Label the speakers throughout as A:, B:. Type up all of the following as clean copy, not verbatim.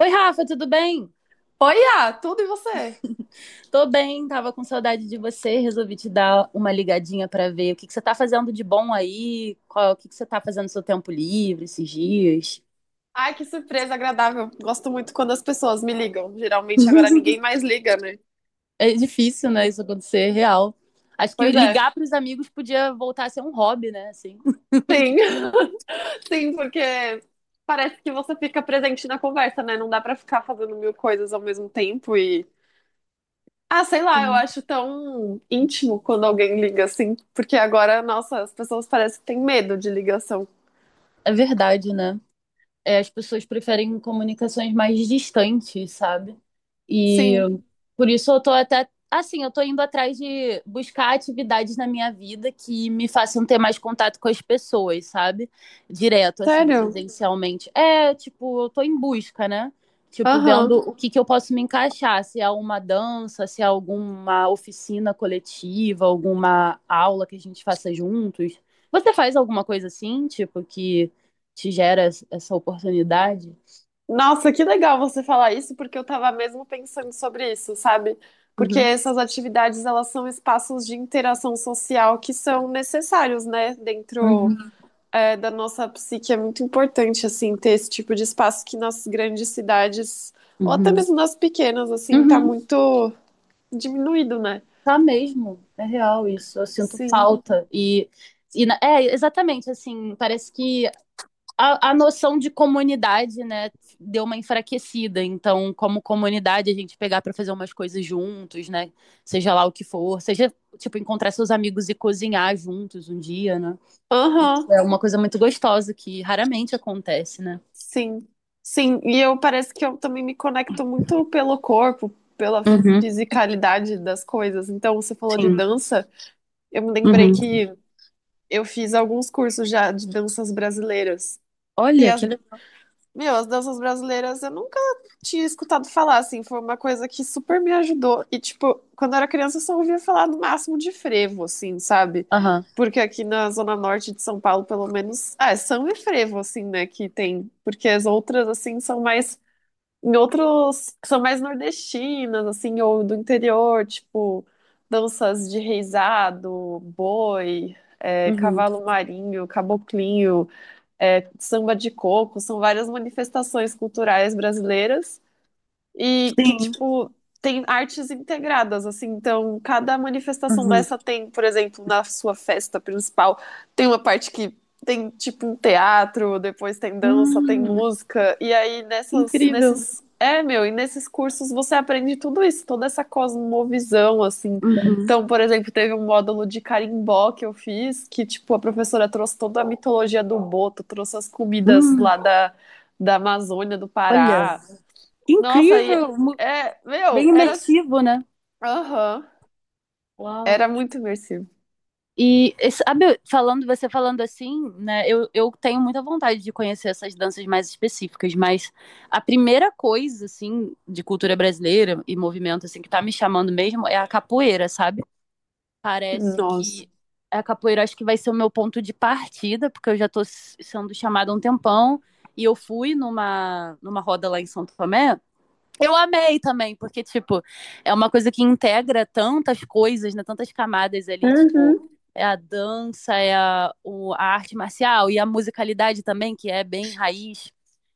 A: Oi, Rafa, tudo bem?
B: Oi, tudo e você?
A: Tô bem, tava com saudade de você, resolvi te dar uma ligadinha pra ver o que que você tá fazendo de bom aí, qual, o que que você tá fazendo no seu tempo livre esses dias.
B: Ai, que surpresa agradável. Gosto muito quando as pessoas me ligam. Geralmente agora ninguém mais liga, né?
A: É difícil, né, isso acontecer, real. Acho que
B: Pois é.
A: ligar pros amigos podia voltar a ser um hobby, né, assim.
B: Sim, sim, porque parece que você fica presente na conversa, né? Não dá pra ficar fazendo mil coisas ao mesmo tempo e... Ah, sei lá, eu
A: Sim.
B: acho tão íntimo quando alguém liga assim, porque agora, nossa, as pessoas parecem que têm medo de ligação.
A: É verdade, né? As pessoas preferem comunicações mais distantes, sabe? E
B: Sim,
A: por isso eu tô até, assim, eu tô indo atrás de buscar atividades na minha vida que me façam ter mais contato com as pessoas, sabe? Direto, assim,
B: sério?
A: presencialmente. É, tipo, eu tô em busca, né? Tipo,
B: Aham.
A: vendo o que que eu posso me encaixar, se é uma dança, se é alguma oficina coletiva, alguma aula que a gente faça juntos. Você faz alguma coisa assim, tipo, que te gera essa oportunidade.
B: Nossa, que legal você falar isso, porque eu tava mesmo pensando sobre isso, sabe? Porque
A: Uhum.
B: essas atividades, elas são espaços de interação social que são necessários, né? Dentro,
A: Uhum.
B: é, da nossa psique, é muito importante, assim, ter esse tipo de espaço que nas grandes cidades, ou até
A: Uhum.
B: mesmo nas pequenas, assim, tá
A: Uhum.
B: muito diminuído, né?
A: Tá mesmo, é real isso. Eu sinto
B: Sim.
A: falta. E, exatamente, assim, parece que a noção de comunidade, né, deu uma enfraquecida. Então, como comunidade, a gente pegar para fazer umas coisas juntos, né, seja lá o que for, seja, tipo, encontrar seus amigos e cozinhar juntos um dia, né,
B: Aham.
A: é uma coisa muito gostosa que raramente acontece, né?
B: Sim, sim, e eu parece que eu também me conecto muito pelo corpo, pela
A: Uhum.
B: fisicalidade das coisas. Então, você falou de
A: Sim.
B: dança, eu me lembrei
A: Uhum.
B: que eu fiz alguns cursos já de danças brasileiras. E
A: Olha,
B: as,
A: que legal.
B: meu, as danças brasileiras eu nunca tinha escutado falar, assim, foi uma coisa que super me ajudou. E, tipo, quando eu era criança eu só ouvia falar no máximo de frevo, assim, sabe? Porque aqui na zona norte de São Paulo, pelo menos, ah, é samba e frevo, assim, né, que tem. Porque as outras, assim, são mais em outros que são mais nordestinas, assim, ou do interior, tipo danças de reisado, boi, é,
A: Uhum.
B: cavalo marinho, caboclinho, é, samba de coco, são várias manifestações culturais brasileiras e que,
A: Sim.
B: tipo, tem artes integradas, assim. Então, cada manifestação
A: Uhum.
B: dessa tem, por exemplo, na sua festa principal, tem uma parte que tem, tipo, um teatro, depois tem dança, tem
A: Hum,
B: música. E aí, nessas,
A: incrível.
B: nesses. É, meu, e nesses cursos você aprende tudo isso, toda essa cosmovisão, assim.
A: Uhum.
B: Então, por exemplo, teve um módulo de carimbó que eu fiz, que, tipo, a professora trouxe toda a mitologia do boto, trouxe as comidas
A: Hum,
B: lá da, da Amazônia, do
A: olha,
B: Pará.
A: que
B: Nossa, aí
A: incrível,
B: é, meu,
A: bem
B: era,
A: imersivo, né?
B: aham,
A: Uau.
B: era muito imersivo.
A: E sabe, falando, você falando assim, né? Eu tenho muita vontade de conhecer essas danças mais específicas, mas a primeira coisa, assim, de cultura brasileira e movimento, assim, que tá me chamando mesmo é a capoeira, sabe? Parece
B: Nossa.
A: que a capoeira acho que vai ser o meu ponto de partida, porque eu já tô sendo chamada há um tempão. E eu fui numa roda lá em São Tomé, eu amei também, porque, tipo, é uma coisa que integra tantas coisas, né? Tantas camadas ali, tipo,
B: Uhum,
A: é a dança, a arte marcial e a musicalidade também, que é bem raiz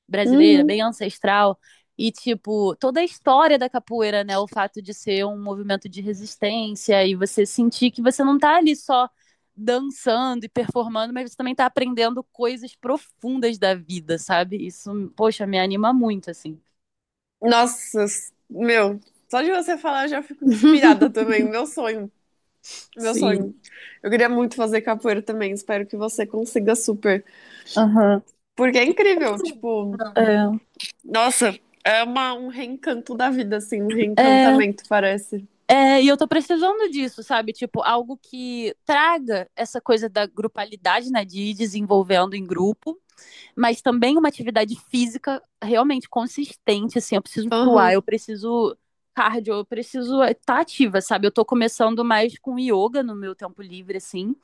A: brasileira,
B: uhum.
A: bem ancestral. E, tipo, toda a história da capoeira, né? O fato de ser um movimento de resistência e você sentir que você não tá ali só dançando e performando, mas você também tá aprendendo coisas profundas da vida, sabe? Isso, poxa, me anima muito, assim.
B: Nossa, s- meu, só de você falar eu já fico inspirada também. Meu sonho, meu sonho.
A: Sim.
B: Eu queria muito fazer capoeira também. Espero que você consiga super.
A: Aham.
B: Porque é incrível, tipo, nossa, é uma, um reencanto da vida, assim, um
A: É, é,
B: reencantamento, parece.
A: é, e eu tô precisando disso, sabe? Tipo, algo que traga essa coisa da grupalidade, né? De ir desenvolvendo em grupo, mas também uma atividade física realmente consistente, assim. Eu preciso fluar,
B: Aham,
A: eu preciso cardio, eu preciso estar ativa, sabe? Eu tô começando mais com yoga no meu tempo livre, assim.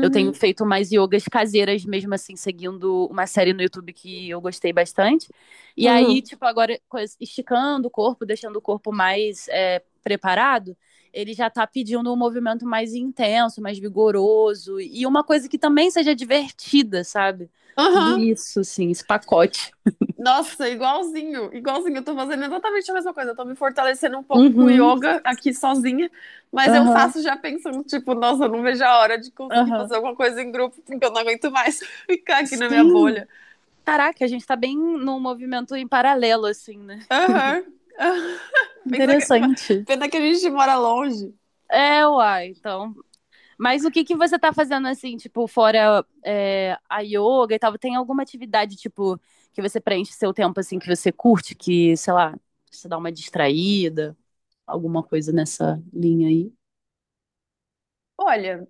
A: Eu tenho feito mais yogas caseiras, mesmo assim, seguindo uma série no YouTube que eu gostei bastante. E
B: aham,
A: aí, tipo, agora esticando o corpo, deixando o corpo mais preparado, ele já tá pedindo um movimento mais intenso, mais vigoroso. E uma coisa que também seja divertida, sabe? Tudo
B: aham.
A: isso, assim, esse pacote.
B: Nossa, igualzinho, igualzinho. Eu tô fazendo exatamente a mesma coisa. Eu tô me fortalecendo um pouco com o
A: Uhum,
B: yoga aqui sozinha, mas eu
A: aham,
B: faço já pensando, tipo, nossa, eu não vejo a hora de conseguir fazer
A: aham.
B: alguma coisa em grupo, porque eu não aguento mais ficar aqui na minha
A: Sim.
B: bolha.
A: Caraca, a gente tá bem num movimento em paralelo, assim, né?
B: Aham. Pensa que...
A: Interessante.
B: Pena que a gente mora longe.
A: É, uai, então. Mas o que que você tá fazendo assim, tipo, fora a yoga e tal? Tem alguma atividade, tipo, que você preenche seu tempo assim, que você curte, que, sei lá, você dá uma distraída, alguma coisa nessa linha aí?
B: Olha.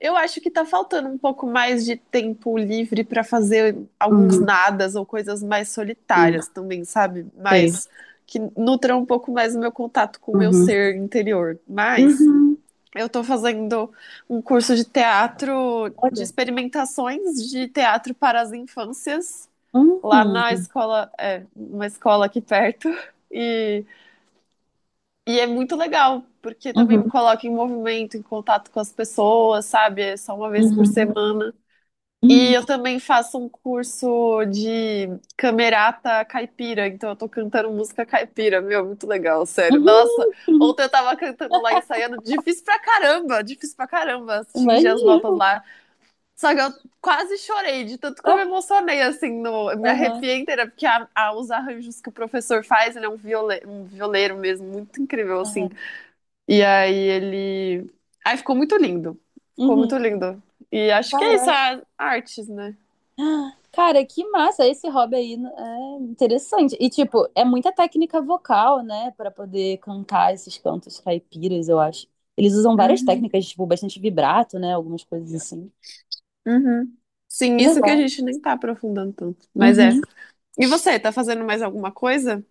B: Eu acho que tá faltando um pouco mais de tempo livre para fazer alguns
A: Uhum,
B: nadas ou coisas mais
A: sim,
B: solitárias também, sabe?
A: sei.
B: Mas que nutram um pouco mais o meu contato com o meu
A: Uhum.
B: ser interior. Mas
A: Uhum.
B: eu tô fazendo um curso de teatro, de
A: Olha.
B: experimentações de teatro para as infâncias, lá na
A: Uhum.
B: escola, é, uma escola aqui perto. E é muito legal, porque também me
A: Uhum.
B: coloca em movimento, em contato com as pessoas, sabe? É só uma vez por
A: Uhum.
B: semana. E eu
A: Uhum.
B: também faço um curso de camerata caipira, então eu tô cantando música caipira, meu, muito legal, sério. Nossa,
A: Uhum.
B: ontem eu tava cantando lá, ensaiando, difícil pra caramba atingir as notas
A: Imagino.
B: lá. Só que eu quase chorei, de tanto que eu me
A: Ah,
B: emocionei, assim, no, eu me
A: aham.
B: arrepiei inteira, porque a- os arranjos que o professor faz, ele é um, viole, um violeiro mesmo, muito incrível,
A: Aham.
B: assim. E aí ele. Aí ficou muito lindo. Ficou muito
A: Uhum.
B: lindo. E acho que é isso,
A: Caraca.
B: a artes, né?
A: Cara, que massa! Esse hobby aí é interessante. E, tipo, é muita técnica vocal, né? Pra poder cantar esses cantos caipiras, eu acho. Eles usam várias
B: Uhum,
A: técnicas, tipo, bastante vibrato, né? Algumas coisas assim.
B: uhum. Sim,
A: Que
B: isso que a
A: legal.
B: gente nem tá aprofundando tanto. Mas é.
A: Uhum.
B: E você, tá fazendo mais alguma coisa?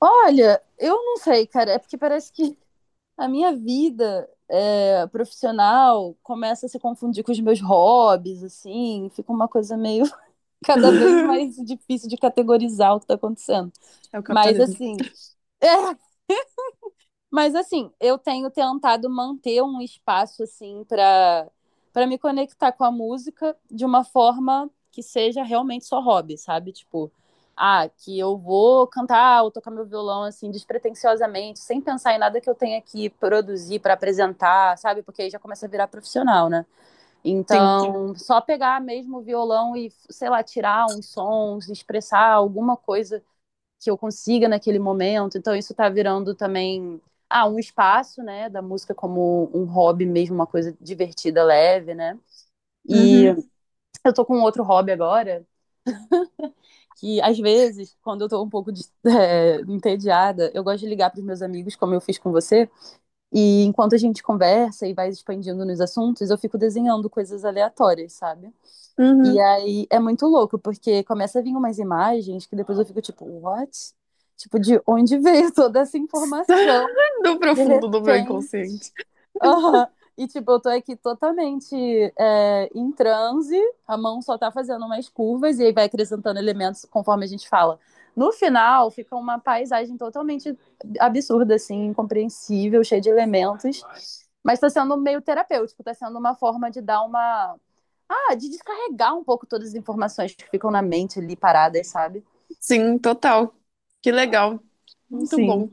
A: Olha, eu não sei, cara. É porque parece que a minha vida profissional começa a se confundir com os meus hobbies, assim. Fica uma coisa meio cada vez mais difícil de categorizar o que tá acontecendo.
B: É o
A: Mas,
B: capitalismo.
A: assim. É. Mas assim, eu tenho tentado manter um espaço assim para me conectar com a música de uma forma que seja realmente só hobby, sabe? Tipo, ah, que eu vou cantar ou tocar meu violão assim despretensiosamente, sem pensar em nada que eu tenha que produzir para apresentar, sabe? Porque aí já começa a virar profissional, né?
B: Sim.
A: Então, só pegar mesmo o violão e, sei lá, tirar uns sons, expressar alguma coisa que eu consiga naquele momento. Então isso está virando também ah, um espaço, né, da música como um hobby mesmo, uma coisa divertida, leve, né? E
B: Uhum,
A: eu tô com outro hobby agora, que às vezes, quando eu tô um pouco de, entediada, eu gosto de ligar para os meus amigos, como eu fiz com você, e enquanto a gente conversa e vai expandindo nos assuntos, eu fico desenhando coisas aleatórias, sabe? E
B: uhum.
A: aí é muito louco, porque começa a vir umas imagens que depois eu fico tipo, what? Tipo, de onde veio toda essa informação?
B: Do
A: De
B: profundo do meu
A: repente.
B: inconsciente.
A: Aham. E tipo, eu tô aqui totalmente em transe, a mão só tá fazendo umas curvas e aí vai acrescentando elementos conforme a gente fala. No final, fica uma paisagem totalmente absurda, assim, incompreensível, cheia de elementos. Mas tá sendo meio terapêutico, tá sendo uma forma de dar uma. Ah, de descarregar um pouco todas as informações que ficam na mente ali paradas, sabe?
B: Sim, total. Que legal. Muito
A: Sim.
B: bom.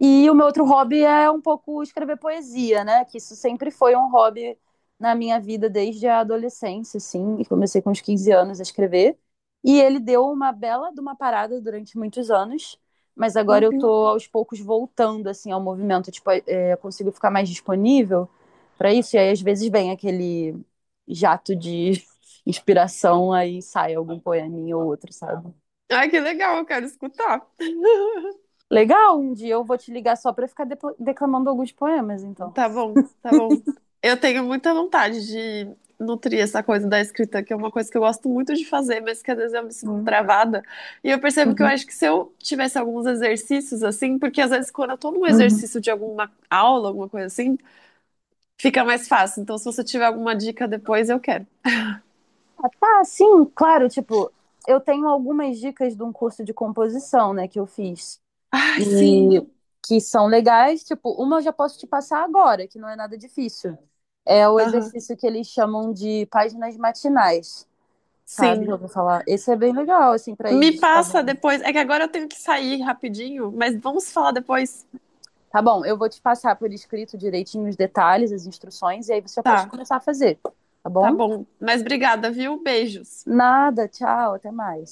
A: E o meu outro hobby é um pouco escrever poesia, né? Que isso sempre foi um hobby na minha vida desde a adolescência, assim. E comecei com uns 15 anos a escrever. E ele deu uma bela de uma parada durante muitos anos. Mas agora eu tô
B: Uhum.
A: aos poucos voltando, assim, ao movimento. Tipo, eu consigo ficar mais disponível para isso. E aí, às vezes, vem aquele jato de inspiração, aí sai algum poeminha ou outro, sabe?
B: Ai, que legal, eu quero escutar.
A: Legal, um dia eu vou te ligar só para ficar declamando alguns poemas, então.
B: Tá bom, tá bom. Eu tenho muita vontade de nutrir essa coisa da escrita, que é uma coisa que eu gosto muito de fazer, mas que às vezes eu me sinto
A: Uhum,
B: travada. E eu percebo que eu
A: uhum.
B: acho que se eu tivesse alguns exercícios assim, porque às vezes quando eu tô num
A: Uhum.
B: exercício de alguma aula, alguma coisa assim, fica mais fácil. Então, se você tiver alguma dica depois, eu quero.
A: Ah, tá, sim, claro, tipo, eu tenho algumas dicas de um curso de composição, né, que eu fiz.
B: Ai, sim.
A: E que são legais, tipo, uma eu já posso te passar agora, que não é nada difícil. É o
B: Aham.
A: exercício que eles chamam de páginas matinais, sabe? Já
B: Sim.
A: ouviu falar? Esse é bem legal, assim, para ir
B: Me
A: destravar.
B: passa depois. É que agora eu tenho que sair rapidinho, mas vamos falar depois.
A: Tá bom, eu vou te passar por escrito direitinho os detalhes, as instruções, e aí você já pode
B: Tá,
A: começar a fazer, tá
B: tá
A: bom?
B: bom. Mas obrigada, viu? Beijos.
A: Nada, tchau, até mais.